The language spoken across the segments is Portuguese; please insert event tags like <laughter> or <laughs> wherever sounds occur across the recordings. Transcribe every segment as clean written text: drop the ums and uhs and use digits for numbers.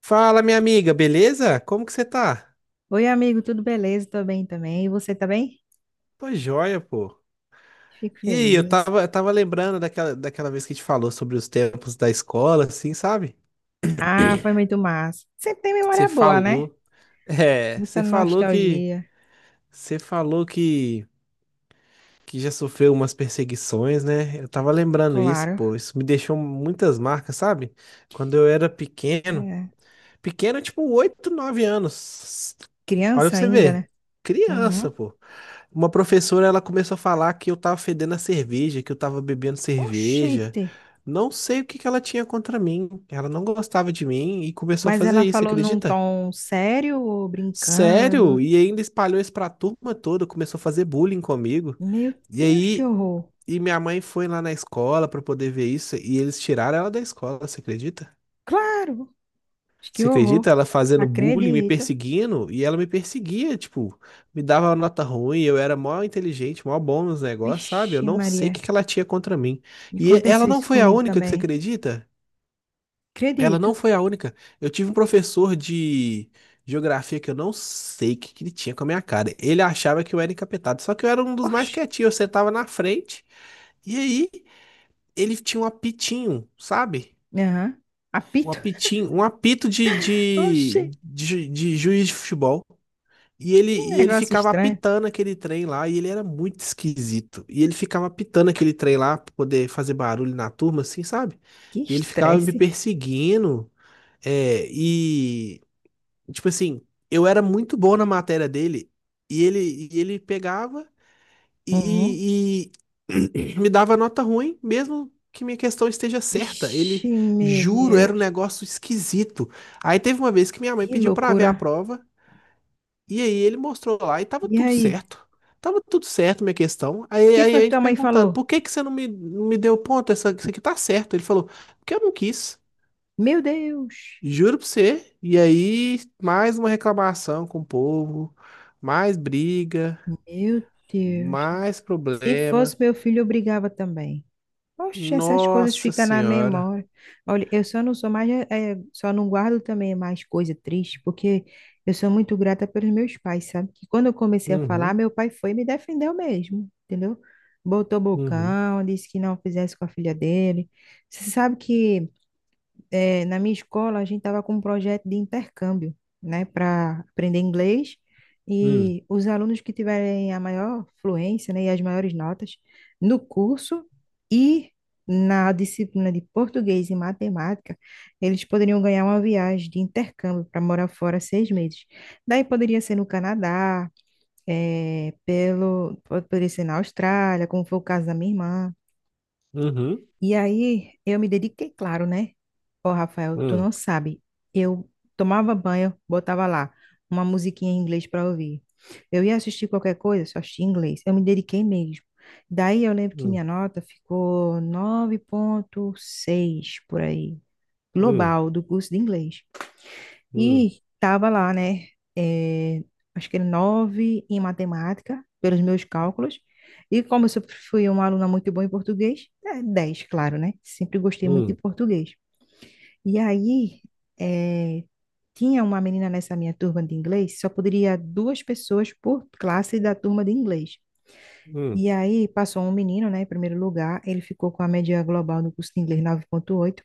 Fala, minha amiga, beleza? Como que você tá? Oi, amigo, tudo beleza? Tô bem também. E você tá bem? Tô joia, pô. Fico E aí, eu feliz. tava, eu tava lembrando daquela vez que a gente falou sobre os tempos da escola, assim, sabe? Ah, foi <clears throat> muito massa. Sempre tem Você memória boa, né? falou, é, Muita você falou que, nostalgia, você falou que, já sofreu umas perseguições, né? Eu tava lembrando isso, claro. pô. Isso me deixou muitas marcas, sabe? Quando eu era pequeno, É. pequeno, tipo, 8, 9 anos. Olha Criança pra você ainda, né? ver. Criança, Uhum. pô. Uma professora, ela começou a falar que eu tava fedendo a cerveja, que eu tava bebendo cerveja. Oxente! Não sei o que que ela tinha contra mim. Ela não gostava de mim e começou a Mas fazer ela isso, falou num acredita? tom sério ou brincando? Sério? E ainda espalhou isso pra turma toda, começou a fazer bullying comigo. Meu E Deus, que aí, horror! Minha mãe foi lá na escola pra poder ver isso e eles tiraram ela da escola, você acredita? Claro, que Você acredita? horror! Ela fazendo bullying, me Acredito. perseguindo, e ela me perseguia, tipo, me dava nota ruim, eu era mó inteligente, mó bom nos negócios, sabe? Eu Vixe, não sei o Maria, que que ela tinha contra mim. E ela aconteceu não isso foi a comigo única, que você também. acredita? Ela Acredito. não foi a única. Eu tive um professor de geografia que eu não sei o que que ele tinha com a minha cara. Ele achava que eu era encapetado, só que eu era um dos mais Oxe! quietinhos, eu sentava na frente, e aí ele tinha um apitinho, sabe? Aham. Um Apito. apitinho, um apito de, <laughs> de, Oxe! de, ju- de juiz de futebol. E ele, Que e ele negócio ficava estranho. apitando aquele trem lá, e ele era muito esquisito. E ele ficava apitando aquele trem lá pra poder fazer barulho na turma, assim, sabe? Que E ele ficava me estresse. perseguindo. É, e, tipo assim, eu era muito bom na matéria dele, e ele pegava Uhum. e, e- e <clears throat> me dava nota ruim, mesmo que minha questão esteja certa. Vixe, Ele, meu juro, era um Deus. negócio esquisito. Aí teve uma vez que minha mãe Que pediu pra ver loucura. a prova. E aí ele mostrou lá e tava E tudo aí? O certo. Tava tudo certo, minha questão. Aí, que aí foi a que gente tua mãe falou? perguntando, por que que você não me, deu ponto? Isso aqui tá certo. Ele falou, porque eu não quis. Meu Deus. Juro pra você. E aí, mais uma reclamação com o povo, mais briga, Meu Deus. mais Se fosse problema. meu filho, eu brigava também. Oxe, essas coisas Nossa ficam na Senhora. memória. Olha, eu só não sou mais, só não guardo também mais coisa triste, porque eu sou muito grata pelos meus pais, sabe? Que quando eu comecei a falar, Uhum, meu pai foi e me defendeu mesmo, entendeu? Botou uhum, bocão, disse que não fizesse com a filha dele. Você sabe que na minha escola, a gente estava com um projeto de intercâmbio, né, para aprender inglês. hum, E os alunos que tiverem a maior fluência, né, e as maiores notas no curso e na disciplina de português e matemática, eles poderiam ganhar uma viagem de intercâmbio para morar fora seis meses. Daí poderia ser no Canadá, eh, pelo, poderia ser na Austrália, como foi o caso da minha irmã. uhum, E aí eu me dediquei, claro, né? Ó, Rafael, tu não hum, sabe. Eu tomava banho, botava lá uma musiquinha em inglês para ouvir. Eu ia assistir qualquer coisa, só assistia em inglês. Eu me dediquei mesmo. Daí eu lembro que hum, minha nota ficou nove vírgula seis por aí, hum, global, do curso de inglês. hum, E estava lá, né? eh, Acho que era nove em matemática, pelos meus cálculos. E como eu sempre fui uma aluna muito boa em português, é, dez, claro, né? Sempre gostei muito de hum, português. E aí, eh, tinha uma menina nessa minha turma de inglês, só poderia duas pessoas por classe da turma de inglês. hum, E aí, passou um menino, né, em primeiro lugar, ele ficou com a média global no curso de inglês nove vírgula oito,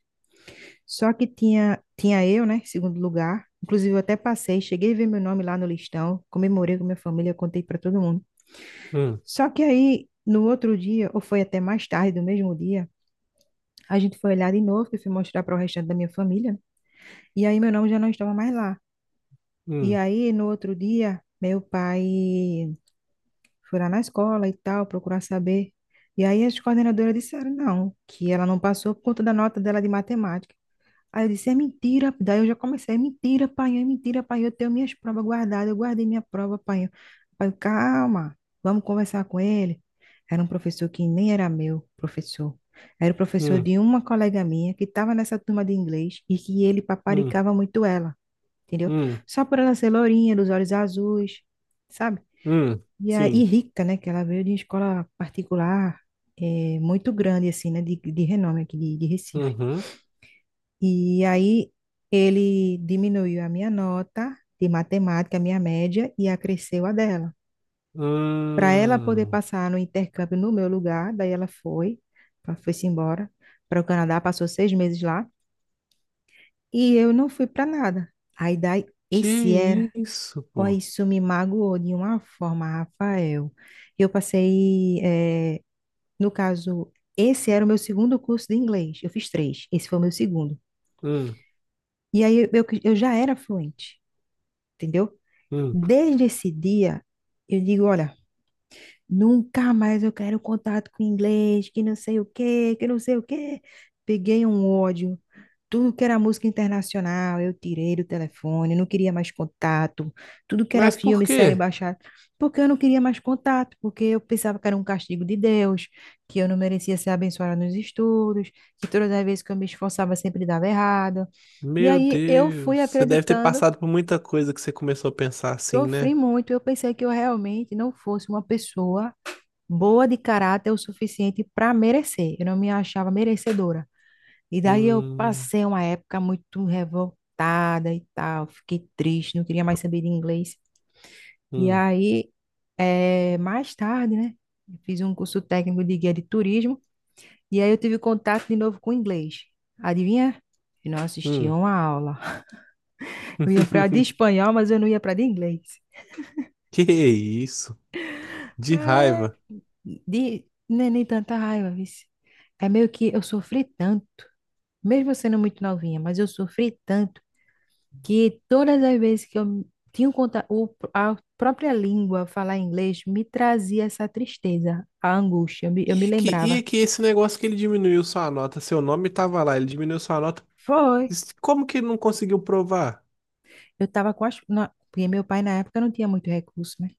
só que tinha eu, né, em segundo lugar. Inclusive, eu até passei, cheguei a ver meu nome lá no listão, comemorei com minha família, contei para todo mundo. hum, Só que aí, no outro dia, ou foi até mais tarde do mesmo dia, a gente foi olhar de novo, que eu fui mostrar para o restante da minha família, e aí meu nome já não estava mais lá. E hum, aí, no outro dia, meu pai foi lá na escola e tal, procurar saber. E aí as coordenadoras disseram não, que ela não passou por conta da nota dela de matemática. Aí eu disse, é mentira. Daí eu já comecei, é mentira, pai, eu tenho minhas provas guardadas, eu guardei minha prova, pai. Pai, calma, vamos conversar com ele. Era um professor que nem era meu professor. Era o professor hum, de uma colega minha que estava nessa turma de inglês e que ele hum, paparicava muito ela, entendeu? hum, Só por ela ser lourinha, dos olhos azuis, sabe? hum. E aí, Sim. rica, né? Que ela veio de uma escola particular, muito grande, assim, né? De renome aqui de Recife. Uhum. E aí ele diminuiu a minha nota de matemática, a minha média, e acresceu a dela. Para ela poder Hum, passar no intercâmbio no meu lugar, daí ela foi, ela foi-se embora para o Canadá, passou seis meses lá, e eu não fui para nada. Aí daí, que esse era, isso, ó, pô? isso me magoou de uma forma, Rafael. Eu passei, no caso, esse era o meu segundo curso de inglês, eu fiz três, esse foi o meu segundo. Hum, E aí eu já era fluente. Entendeu? hum. Desde esse dia, eu digo, olha, nunca mais eu quero contato com inglês, que não sei o quê, que não sei o quê. Peguei um ódio. Tudo que era música internacional, eu tirei do telefone, não queria mais contato. Tudo que era Mas por filme, série quê? baixada, porque eu não queria mais contato, porque eu pensava que era um castigo de Deus, que eu não merecia ser abençoada nos estudos, que todas as vezes que eu me esforçava sempre dava errado. E Meu aí eu fui Deus, você deve ter acreditando. passado por muita coisa que você começou a pensar assim, né? Sofri muito, eu pensei que eu realmente não fosse uma pessoa boa de caráter o suficiente para merecer. Eu não me achava merecedora. E daí eu Hum, passei uma época muito revoltada e tal, fiquei triste, não queria mais saber de inglês. E hum, aí, mais tarde, né, eu fiz um curso técnico de guia de turismo e aí eu tive contato de novo com o inglês. Adivinha? Eu não assistia hum. uma aula. Eu ia para de <laughs> espanhol, mas eu não ia para de inglês. Que isso? De raiva. De, não é nem tanta raiva, vice. É meio que eu sofri tanto, mesmo sendo muito novinha, mas eu sofri tanto que todas as vezes que eu tinha um conta, o, a própria língua falar inglês me trazia essa tristeza, a angústia. Eu E me é que, e é lembrava. que esse negócio que ele diminuiu sua nota, seu nome tava lá, ele diminuiu sua nota. Foi. Como que ele não conseguiu provar? Eu estava com as. Na- Porque meu pai na época não tinha muito recurso, né?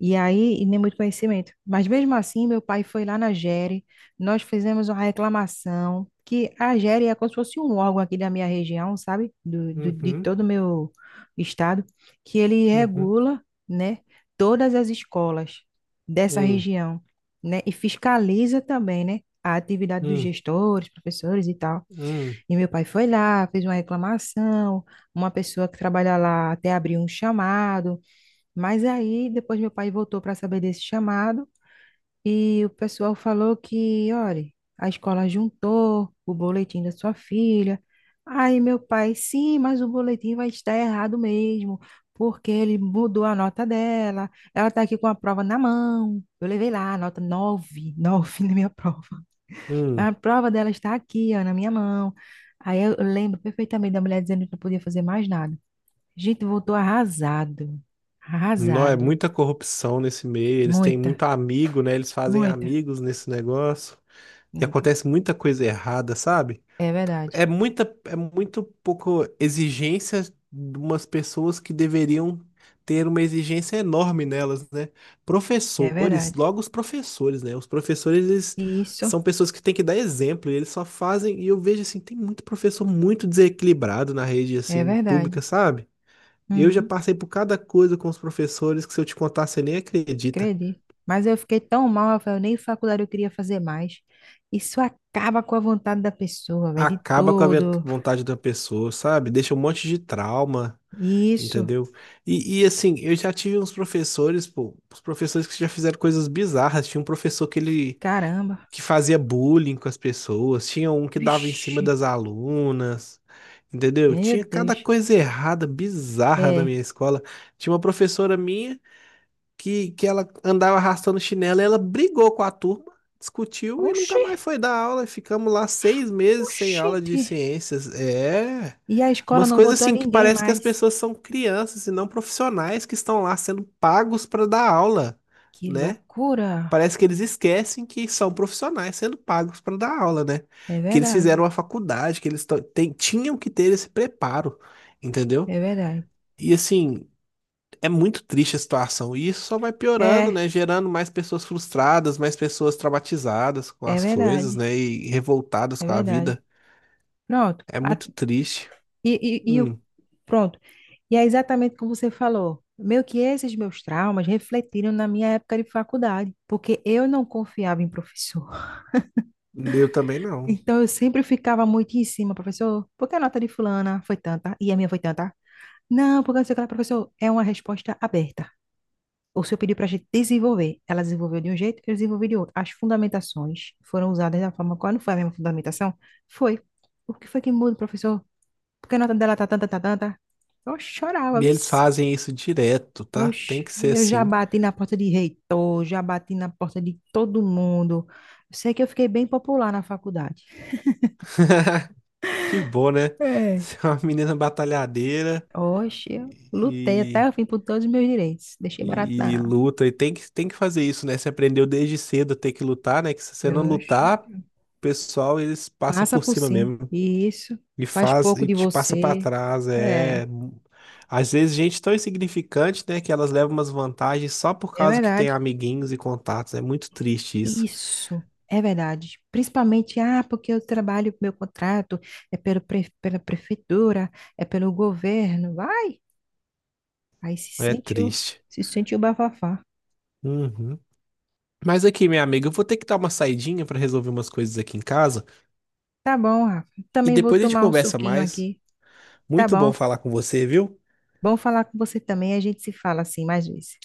E aí, e nem muito conhecimento. Mas mesmo assim, meu pai foi lá na GERE, nós fizemos uma reclamação, que a GERE é como se fosse um órgão aqui da minha região, sabe? De Uhum, todo o meu estado, que ele uhum, regula, né, todas as escolas dessa hum, região, né? E fiscaliza também, né? A atividade dos hum, gestores, professores e tal. hum, E meu pai foi lá, fez uma reclamação, uma pessoa que trabalha lá até abriu um chamado, mas aí depois meu pai voltou para saber desse chamado e o pessoal falou que, olha, a escola juntou o boletim da sua filha. Aí meu pai, sim, mas o boletim vai estar errado mesmo, porque ele mudou a nota dela. Ela está aqui com a prova na mão. Eu levei lá a nota 9, 9 <laughs> na minha prova. hum. A prova dela está aqui, ó, na minha mão. Aí eu lembro perfeitamente da mulher dizendo que não podia fazer mais nada. A gente voltou arrasado, Não, é arrasado. muita corrupção nesse meio. Eles têm muito Muita. amigo, né? Eles fazem Muita, amigos nesse negócio. E muita. acontece muita coisa errada, sabe? É verdade, É muito pouco exigência de umas pessoas que deveriam ter uma exigência enorme nelas, né? é Professores, verdade. logo os professores, né? Os professores, eles Isso, são pessoas que têm que dar exemplo, e eles só fazem, e eu vejo assim, tem muito professor muito desequilibrado na rede é assim verdade. pública, sabe? Eu já Uhum, passei por cada coisa com os professores que se eu te contar, você nem acredita. acredito. Mas eu fiquei tão mal, eu falei, nem faculdade eu queria fazer mais. Isso acaba com a vontade da pessoa, velho, de Acaba com a tudo. vontade da pessoa, sabe? Deixa um monte de trauma. Isso, Entendeu? Assim, eu já tive uns professores, pô, os professores que já fizeram coisas bizarras. Tinha um professor caramba. que fazia bullying com as pessoas, tinha um que dava em cima Vixe, das alunas, entendeu? meu Tinha cada Deus. coisa errada, bizarra na É. minha escola. Tinha uma professora minha que ela andava arrastando chinelo, e ela brigou com a turma, discutiu e nunca Oxi, mais foi dar aula. Ficamos lá 6 meses sem aula de oxente. ciências. É. E a escola Umas não coisas botou assim que ninguém parece que as mais. pessoas são crianças e não profissionais que estão lá sendo pagos para dar aula, Que né? loucura. Parece que eles esquecem que são profissionais sendo pagos para dar aula, né? É Que eles verdade, fizeram a faculdade, que eles tinham que ter esse preparo, entendeu? é verdade. E assim, é muito triste a situação. E isso só vai piorando, É, né? Gerando mais pessoas frustradas, mais pessoas traumatizadas com é as coisas, verdade, né? E revoltadas é com a verdade. vida. Pronto. É muito triste. E, e o Hum, pronto. E é exatamente como você falou. Meio que esses meus traumas refletiram na minha época de faculdade, porque eu não confiava em professor. <laughs> eu também não. Então eu sempre ficava muito em cima, professor, por que a nota de fulana foi tanta e a minha foi tanta? Não, porque não sei o que lá, professor, é uma resposta aberta. O senhor pediu para a gente desenvolver. Ela desenvolveu de um jeito, eu desenvolvi de outro. As fundamentações foram usadas da forma qual não foi a mesma fundamentação? Foi. O que foi que muda, professor? Por que a nota dela tá tanta, tá tanta? Eu chorava, E eles vixe. fazem isso direto, tá? Tem Oxe, que ser eu já assim. bati na porta de reitor, já bati na porta de todo mundo. Eu sei que eu fiquei bem popular na faculdade. <laughs> Que bom, né? É. Ser uma menina batalhadeira Oxe, eu lutei até e, o fim por todos os meus direitos. Deixei barato e na. luta. E tem que fazer isso, né? Você aprendeu desde cedo a ter que lutar, né? Que se você não Oxe, lutar, o pessoal, eles passam passa por por cima cima. mesmo. Isso, E faz faz pouco e de te passa pra você. trás, É, é. Às vezes gente tão insignificante, né, que elas levam umas vantagens só por é causa que tem verdade. amiguinhos e contatos. É muito triste isso. Isso, é verdade. Principalmente, ah, porque eu trabalho, meu contrato é pela prefeitura, é pelo governo. Vai. Aí É triste. se sentiu bafafá. Uhum. Mas aqui, minha amiga, eu vou ter que dar uma saidinha pra resolver umas coisas aqui em casa Tá bom, Rafa. e Também vou depois a gente tomar um conversa suquinho mais. aqui. Tá Muito bom. bom falar com você, viu? Bom falar com você também. A gente se fala assim mais vezes.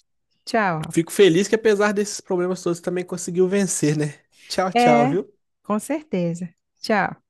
Tchau, Rafa. Fico feliz que apesar desses problemas todos também conseguiu vencer, né? Tchau, tchau, É, viu? com certeza. Tchau.